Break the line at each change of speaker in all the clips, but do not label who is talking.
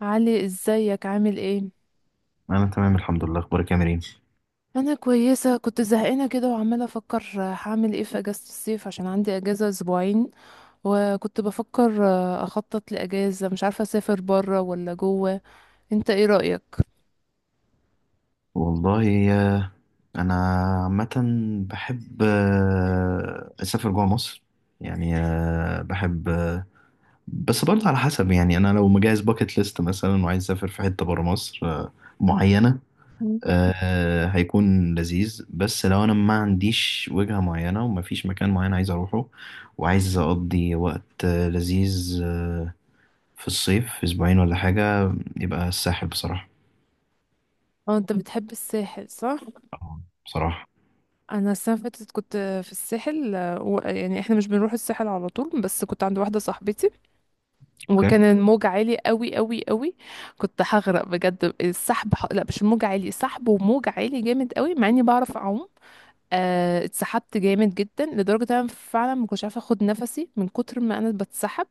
علي، ازيك عامل ايه؟
انا تمام الحمد لله. اخبارك يا مريم؟
انا كويسه، كنت زهقانه كده وعماله افكر هعمل ايه في اجازه الصيف، عشان عندي اجازه اسبوعين. وكنت بفكر اخطط لاجازه، مش عارفه اسافر بره ولا جوه. انت ايه رايك؟
والله انا عامه بحب اسافر جوه مصر. يعني آه، بحب آه، بس برضه على حسب، يعني انا لو مجهز باكت ليست مثلا وعايز اسافر في حته بره مصر معينه،
مم.
هيكون لذيذ. بس لو انا ما عنديش وجهه معينه ومفيش مكان معين عايز اروحه وعايز اقضي وقت لذيذ في الصيف في اسبوعين ولا حاجه، يبقى الساحل بصراحه.
اه، انت بتحب الساحل، صح؟
بصراحه
انا السنه اللي فاتت كنت في الساحل يعني احنا مش بنروح الساحل على طول، بس كنت عند واحده صاحبتي.
اوكي.
وكان الموج عالي قوي قوي قوي. كنت هغرق بجد، السحب لا مش الموج عالي، سحب وموج عالي جامد قوي، مع اني بعرف اعوم. اتسحبت جامد جدا، لدرجة إن انا فعلا ما كنتش عارفة اخد نفسي من كتر ما انا بتسحب.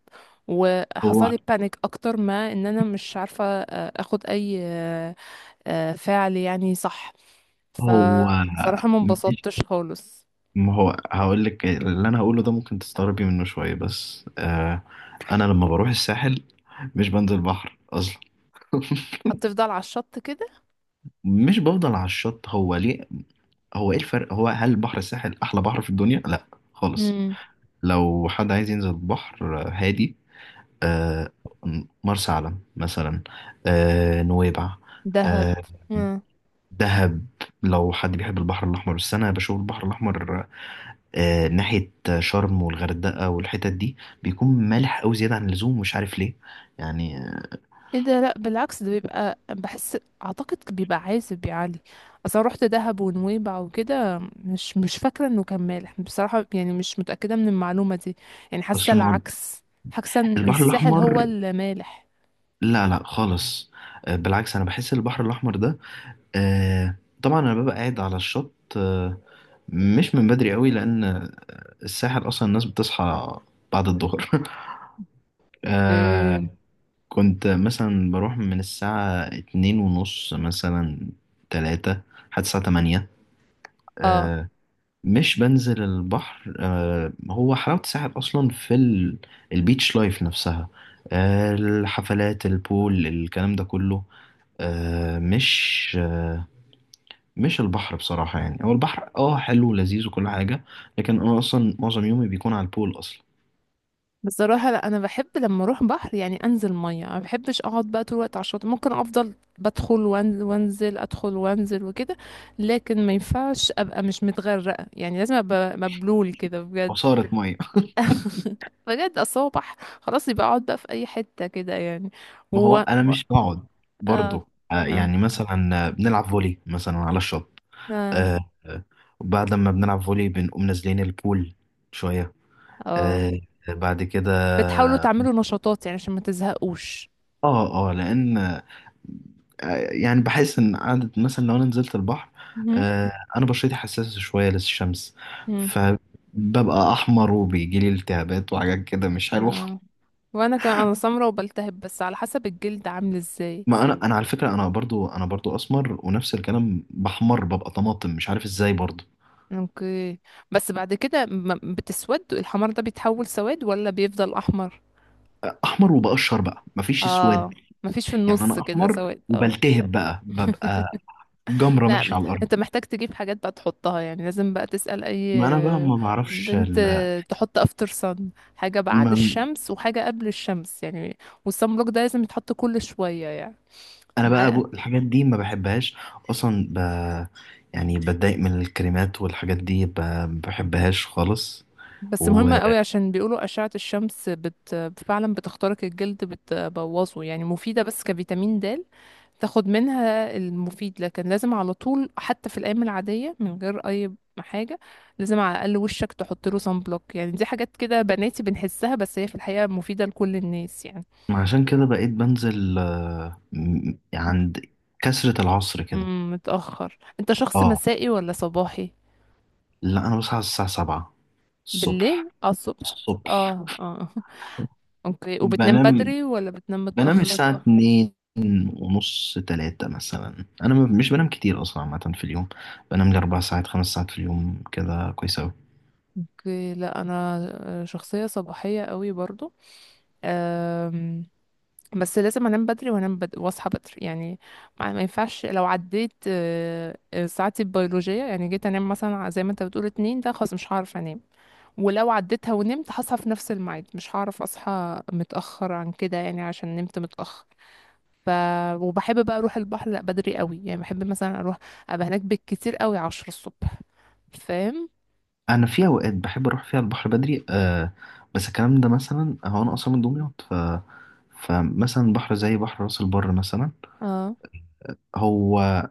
وحصل
هو
لي بانيك اكتر، ما ان انا مش عارفة اخد اي فعل، يعني صح.
هو
فصراحة ما
مش
انبسطتش خالص.
ما هو هقول لك اللي انا هقوله ده ممكن تستغربي منه شويه، بس آه انا لما بروح الساحل مش بنزل بحر اصلا.
هتفضل على الشط كده؟
مش بفضل على الشط. هو ليه؟ هو ايه الفرق؟ هو هل بحر الساحل احلى بحر في الدنيا؟ لا خالص.
امم.
لو حد عايز ينزل بحر هادي، آه مرسى علم مثلا، آه نويبع،
دهب.
آه دهب. لو حد بيحب البحر الاحمر، بس انا بشوف البحر الاحمر ناحية شرم والغردقة والحتت دي بيكون مالح أوي زيادة عن اللزوم، مش عارف ليه. يعني آه،
ايه ده؟ لا، بالعكس، ده بيبقى بحس اعتقد بيبقى عازب يا علي. اصلا رحت دهب ونويبع وكده، مش فاكره انه كان مالح بصراحه، يعني مش متاكده من المعلومه دي. يعني حاسه
أصل ما هو
العكس، حاسه ان
البحر
الساحل هو
الأحمر
اللي مالح.
لا لا خالص. بالعكس أنا بحس البحر الأحمر ده آه، طبعا أنا ببقى قاعد على الشط مش من بدري قوي، لأن الساحل أصلا الناس بتصحى بعد الظهر.
ايه؟
آه، كنت مثلا بروح من الساعة اتنين ونص مثلا، تلاتة، لحد الساعة تمانية.
اه.
آه، مش بنزل البحر. هو حلاوة الساحل أصلا في البيتش لايف نفسها، الحفلات البول الكلام ده كله، آه، مش آه، مش البحر بصراحة. يعني هو البحر اه حلو ولذيذ وكل حاجة، لكن أنا أصلا معظم يومي بيكون على البول أصلا.
بصراحه، لا انا بحب لما اروح بحر يعني انزل ميه، ما بحبش اقعد بقى طول الوقت على الشاطئ، ممكن افضل بدخل وانزل، ادخل وانزل وكده. لكن ما ينفعش ابقى مش متغرقه، يعني لازم ابقى مبلول كده بجد.
عصارة مية.
بجد، اصل هو خلاص يبقى اقعد بقى في اي حته كده يعني
ما هو
و
أنا مش بقعد
اه.
برضه،
اه.
يعني مثلا بنلعب فولي مثلا على الشط.
اه.
آه، آه، وبعد ما بنلعب فولي بنقوم نازلين البول شوية،
اه.
آه، بعد كده.
بتحاولوا تعملوا نشاطات يعني عشان ما تزهقوش؟
اه اه، لان يعني بحس ان قعدة مثلا لو انا نزلت البحر،
مهم.
انا بشرتي حساسة شوية للشمس،
مم.
فببقى احمر وبيجي لي التهابات وحاجات كده مش حلوة.
اه. وانا كمان انا سمرة وبلتهب، بس على حسب الجلد عامل ازاي.
ما انا على فكرة انا برضو اسمر ونفس الكلام، بحمر ببقى طماطم مش عارف ازاي برضو.
اوكي. بس بعد كده بتسود؟ الحمار ده بيتحول سواد ولا بيفضل احمر؟
احمر وبقشر بقى، مفيش اسود.
اه. مفيش في
يعني
النص
انا
كده
احمر
سواد، اه.
وبلتهب بقى، ببقى جمرة ماشية
لا،
على الارض.
انت محتاج تجيب حاجات بقى تحطها، يعني لازم بقى تسأل اي
ما انا بقى ما بعرفش
بنت
ال...
تحط افتر صن، حاجة بعد
ما
الشمس وحاجة قبل الشمس يعني. والصن بلوك ده لازم يتحط كل شوية يعني.
انا بقى
مع
الحاجات دي ما بحبهاش اصلا. يعني بتضايق من الكريمات والحاجات دي، ما بحبهاش خالص.
بس مهمة قوي، عشان بيقولوا أشعة الشمس فعلا بتخترق الجلد، بتبوظه، يعني مفيدة بس كفيتامين د، تاخد منها المفيد. لكن لازم على طول، حتى في الايام العاديه من غير اي حاجه، لازم على الاقل وشك تحط له صن بلوك. يعني دي حاجات كده بناتي بنحسها، بس هي في الحقيقه مفيده لكل الناس يعني.
وعشان كده بقيت بنزل عند كسرة العصر كده.
متاخر. انت شخص
اه
مسائي ولا صباحي؟
لا انا بصحى الساعة 7 الصبح.
بالليل؟ اه، الصبح.
الصبح
اه، اه. اوكي. وبتنام
بنام.
بدري ولا بتنام
بنام
متاخر؟
الساعة 2 ونص تلاتة مثلا. مش بنام كتير أصلا عامة في اليوم. بنام لي أربع ساعات خمس ساعات في اليوم كده كويس.
اوكي. لا انا شخصيه صباحيه قوي برضو، بس لازم انام بدري، وانام بدري واصحى بدري يعني. ما ينفعش، لو عديت ساعتي البيولوجية، يعني جيت انام مثلا زي ما انت بتقول 2، ده خلاص مش هعرف انام. ولو عديتها ونمت هصحى في نفس الميعاد، مش هعرف اصحى متأخر عن كده يعني عشان نمت متأخر. ف وبحب بقى اروح البحر لا بدري قوي، يعني بحب مثلا اروح ابقى هناك بالكتير قوي 10 الصبح. فاهم؟
انا في اوقات بحب اروح فيها البحر بدري آه، بس الكلام ده مثلا، هو انا
مم.
اصلا من دمياط، ف فمثلا بحر زي بحر راس البر مثلا.
اه.
هو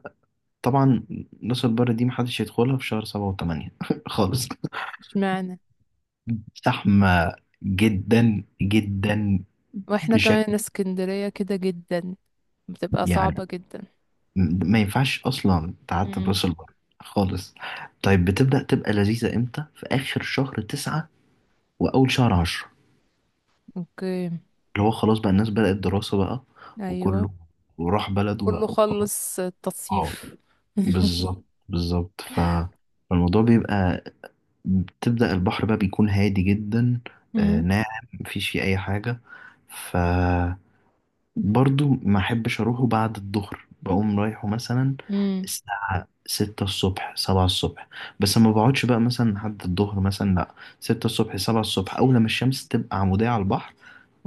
طبعا راس البر دي محدش يدخلها في شهر سبعة وثمانية خالص.
اشمعنى؟
زحمة جدا جدا
واحنا
بشكل،
كمان اسكندرية كده جدا، بتبقى
يعني
صعبة جدا.
ما ينفعش اصلا تعدي
امم.
راس البر خالص. طيب بتبدأ تبقى لذيذة امتى؟ في اخر شهر تسعة واول شهر عشرة،
اوكي.
اللي هو خلاص بقى الناس بدأت دراسة بقى
ايوه.
وكله وراح بلده بقى
كله
وخلاص.
خلص
اه
التصيف.
بالظبط بالظبط. فالموضوع بيبقى، بتبدأ البحر بقى بيكون هادي جدا،
امم،
ناعم مفيش فيه أي حاجة. ف برضو ما احبش اروحه بعد الظهر. بقوم رايحه مثلا
امم.
الساعة ستة الصبح سبعة الصبح، بس ما بقعدش بقى مثلا لحد الظهر مثلا، لا. ستة الصبح سبعة الصبح، أول لما الشمس تبقى عمودية على البحر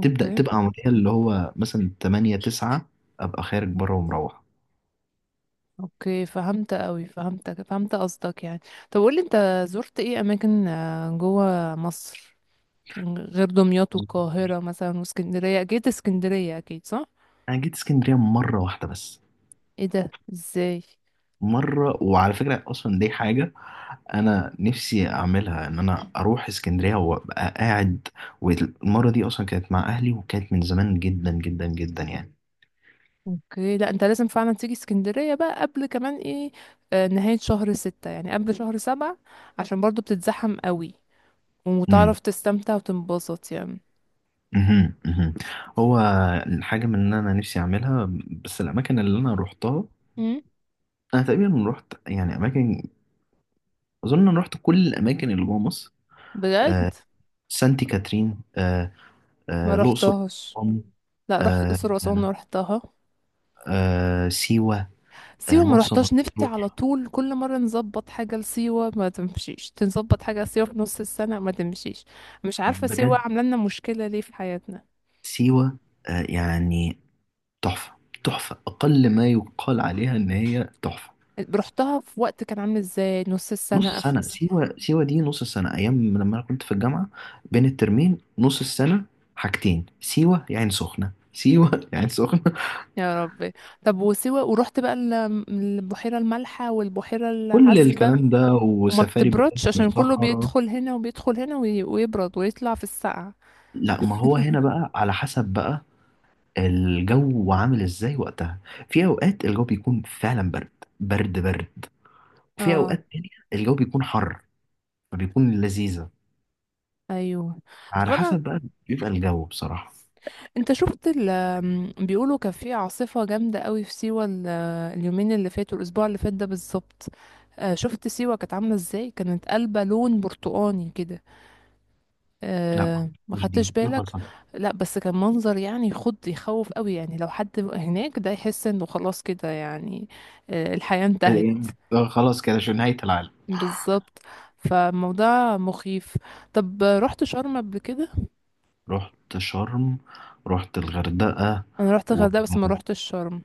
تبدأ تبقى عمودية، اللي هو مثلا تمانية تسعة، أبقى خارج بره ومروح.
اوكي، فهمت قوي، فهمتك، فهمت قصدك يعني. طب قولي انت، زرت ايه اماكن جوه مصر؟ يعني غير دمياط والقاهرة مثلا، واسكندرية اكيد، اسكندرية اكيد، صح؟
أنا جيت اسكندرية مرة واحدة بس.
ايه ده؟ ازاي؟
مرة، وعلى فكرة أصلا دي حاجة أنا نفسي أعملها، إن أنا أروح اسكندرية وأبقى قاعد. والمرة دي أصلا كانت مع أهلي وكانت من زمان جدا جدا جدا يعني.
اوكي. لا انت لازم فعلا تيجي اسكندرية بقى قبل كمان ايه، نهاية شهر 6، يعني قبل شهر 7، عشان برضو بتتزحم قوي،
امم
وتعرف تستمتع وتنبسط يعني.
امم. هو الحاجة من إن أنا نفسي أعملها، بس الأماكن اللي أنا روحتها،
امم.
أنا تقريبا روحت يعني أماكن، أظن أنا روحت كل الأماكن اللي جوه مصر. آه
بجد؟
سانتي كاترين، آه
ما
آه الأقصر
رحتهاش.
وأسوان،
لا، رحت
آه
الاقصر واسوان رحتها.
آه سيوة آه
سيوه ما
مرسى
رحتهاش، نفسي على
مطروح.
طول. كل مره نظبط حاجه لسيوه ما تمشيش، تنظبط حاجه لسيوه في نص السنه ما تمشيش. مش عارفه سيوه
بجد
عامله لنا مشكله ليه في حياتنا.
سيوة يعني تحفة. تحفة أقل ما يقال عليها إن هي تحفة.
رحتها في وقت كان عامل ازاي؟ نص السنه،
نص
اخر
سنة.
السنة.
سيوة، سيوة دي نص سنة أيام لما أنا كنت في الجامعة، بين الترمين نص السنة. حاجتين، سيوة يا عين سخنة، سيوة يا عين سخنة.
يا ربي. طب وسيوه، ورحت بقى البحيره المالحه والبحيره
كل
العذبه؟
الكلام ده
وما
وسفاري بالليل
بتبردش؟
في
عشان كله
الصحراء.
بيدخل هنا وبيدخل هنا ويبرد ويطلع في السقعه.
لا ما هو هنا بقى على حسب بقى الجو عامل إزاي وقتها. في أوقات الجو بيكون فعلا برد، برد. وفي
اه.
أوقات تانية الجو بيكون حر، فبيكون لذيذة.
ايوه. طب
على
انا
حسب بقى، بيبقى الجو بصراحة.
انت شفت ال آم، بيقولوا كان في عاصفة جامدة قوي في سيوة اليومين اللي فاتوا، الأسبوع اللي فات ده بالظبط. شفت سيوة كانت عاملة ازاي؟ كانت قلبة لون برتقاني كده.
لا
ما
مش دي. ايه
خدتش
اللي
بالك؟
حصل؟
لا، بس كان منظر يعني يخض، يخوف قوي، يعني لو حد هناك ده يحس انه خلاص كده يعني الحياة انتهت.
الإيه؟ خلاص كده شو نهاية العالم.
بالظبط. فالموضوع مخيف. طب رحت شرم قبل كده؟
رحت شرم، رحت الغردقة
انا رحت
و...
الغردقة بس ما رحتش شرم.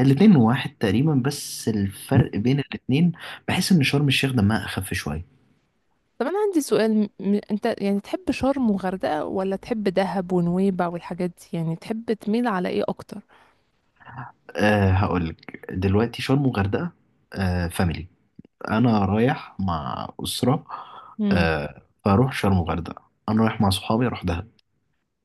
الاتنين واحد تقريبا، بس الفرق بين الاتنين، بحس ان شرم الشيخ دمها اخف شوية.
طب انا عندي سؤال، انت يعني تحب شرم وغردقة ولا تحب دهب ونويبع والحاجات دي؟ يعني تحب تميل على ايه اكتر؟
أه هقولك دلوقتي، شرم وغردقة أه فاميلي، انا رايح مع اسرة، أه فاروح شرم وغردقة. انا رايح مع صحابي، اروح دهب.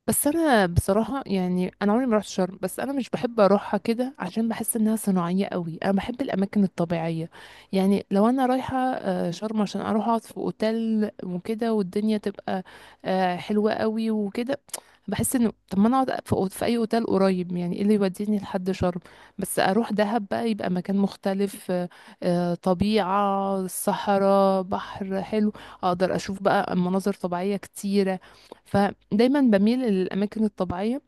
بس انا بصراحه يعني، انا عمري ما رحت شرم، بس انا مش بحب اروحها كده عشان بحس انها صناعيه قوي، انا بحب الاماكن الطبيعيه. يعني لو انا رايحه شرم عشان اروح اقعد في اوتيل وكده، والدنيا تبقى حلوه قوي وكده، بحس انه طب ما انا اقعد في في اي اوتيل قريب، يعني ايه اللي يوديني لحد شرم؟ بس اروح دهب بقى يبقى مكان مختلف، طبيعه، صحراء، بحر حلو، اقدر اشوف بقى مناظر طبيعيه كتيره. فدايما بميل للاماكن الطبيعيه.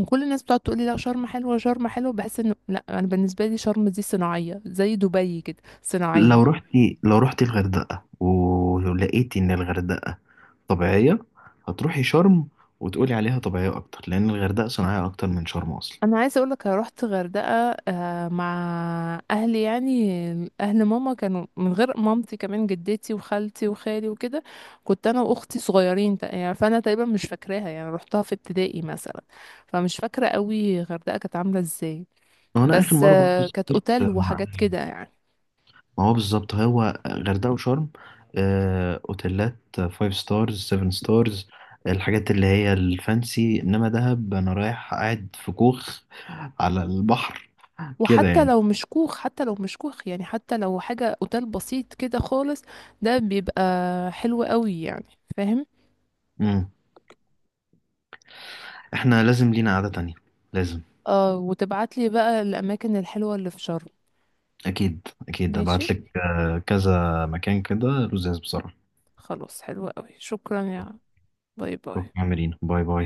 وكل الناس بتقعد تقول لي لا، شرم حلوه، شرم حلوه، بحس انه لا، انا بالنسبه لي شرم دي صناعيه زي دبي، كده
لو
صناعيه.
رحتي لو رحتي الغردقة ولقيتي إن الغردقة طبيعية، هتروحي شرم وتقولي عليها طبيعية أكتر، لأن الغردقة صناعية أكتر من شرم أصلا.
انا عايزه اقول لك، رحت غردقه مع اهلي يعني. اهل ماما كانوا من غير مامتي كمان، جدتي وخالتي وخالي وكده. كنت انا واختي صغيرين، يعني فانا تقريبا مش فاكراها يعني، رحتها في ابتدائي مثلا. فمش فاكره قوي غردقه كانت عامله ازاي،
وأنا آخر
بس
مرة برضه
كانت اوتيل
سافرت مع،
وحاجات كده يعني.
ما هو بالظبط هو غردقة وشرم أوتيلات فايف ستارز سيفن ستارز، الحاجات اللي هي الفانسي. إنما دهب أنا رايح قاعد في كوخ على البحر كده
وحتى
يعني.
لو مش كوخ، حتى لو مش كوخ يعني، حتى لو حاجة اوتيل بسيط كده خالص، ده بيبقى حلو قوي يعني. فاهم؟
مم. إحنا لازم لينا قعدة تانية. لازم.
اه، وتبعتلي بقى الاماكن الحلوة اللي في شرم.
اكيد اكيد
ماشي.
ابعت لك كذا مكان كده لزاز بصراحه.
خلاص، حلوة قوي. شكرا يا. باي
اوكي،
باي.
عاملين باي باي.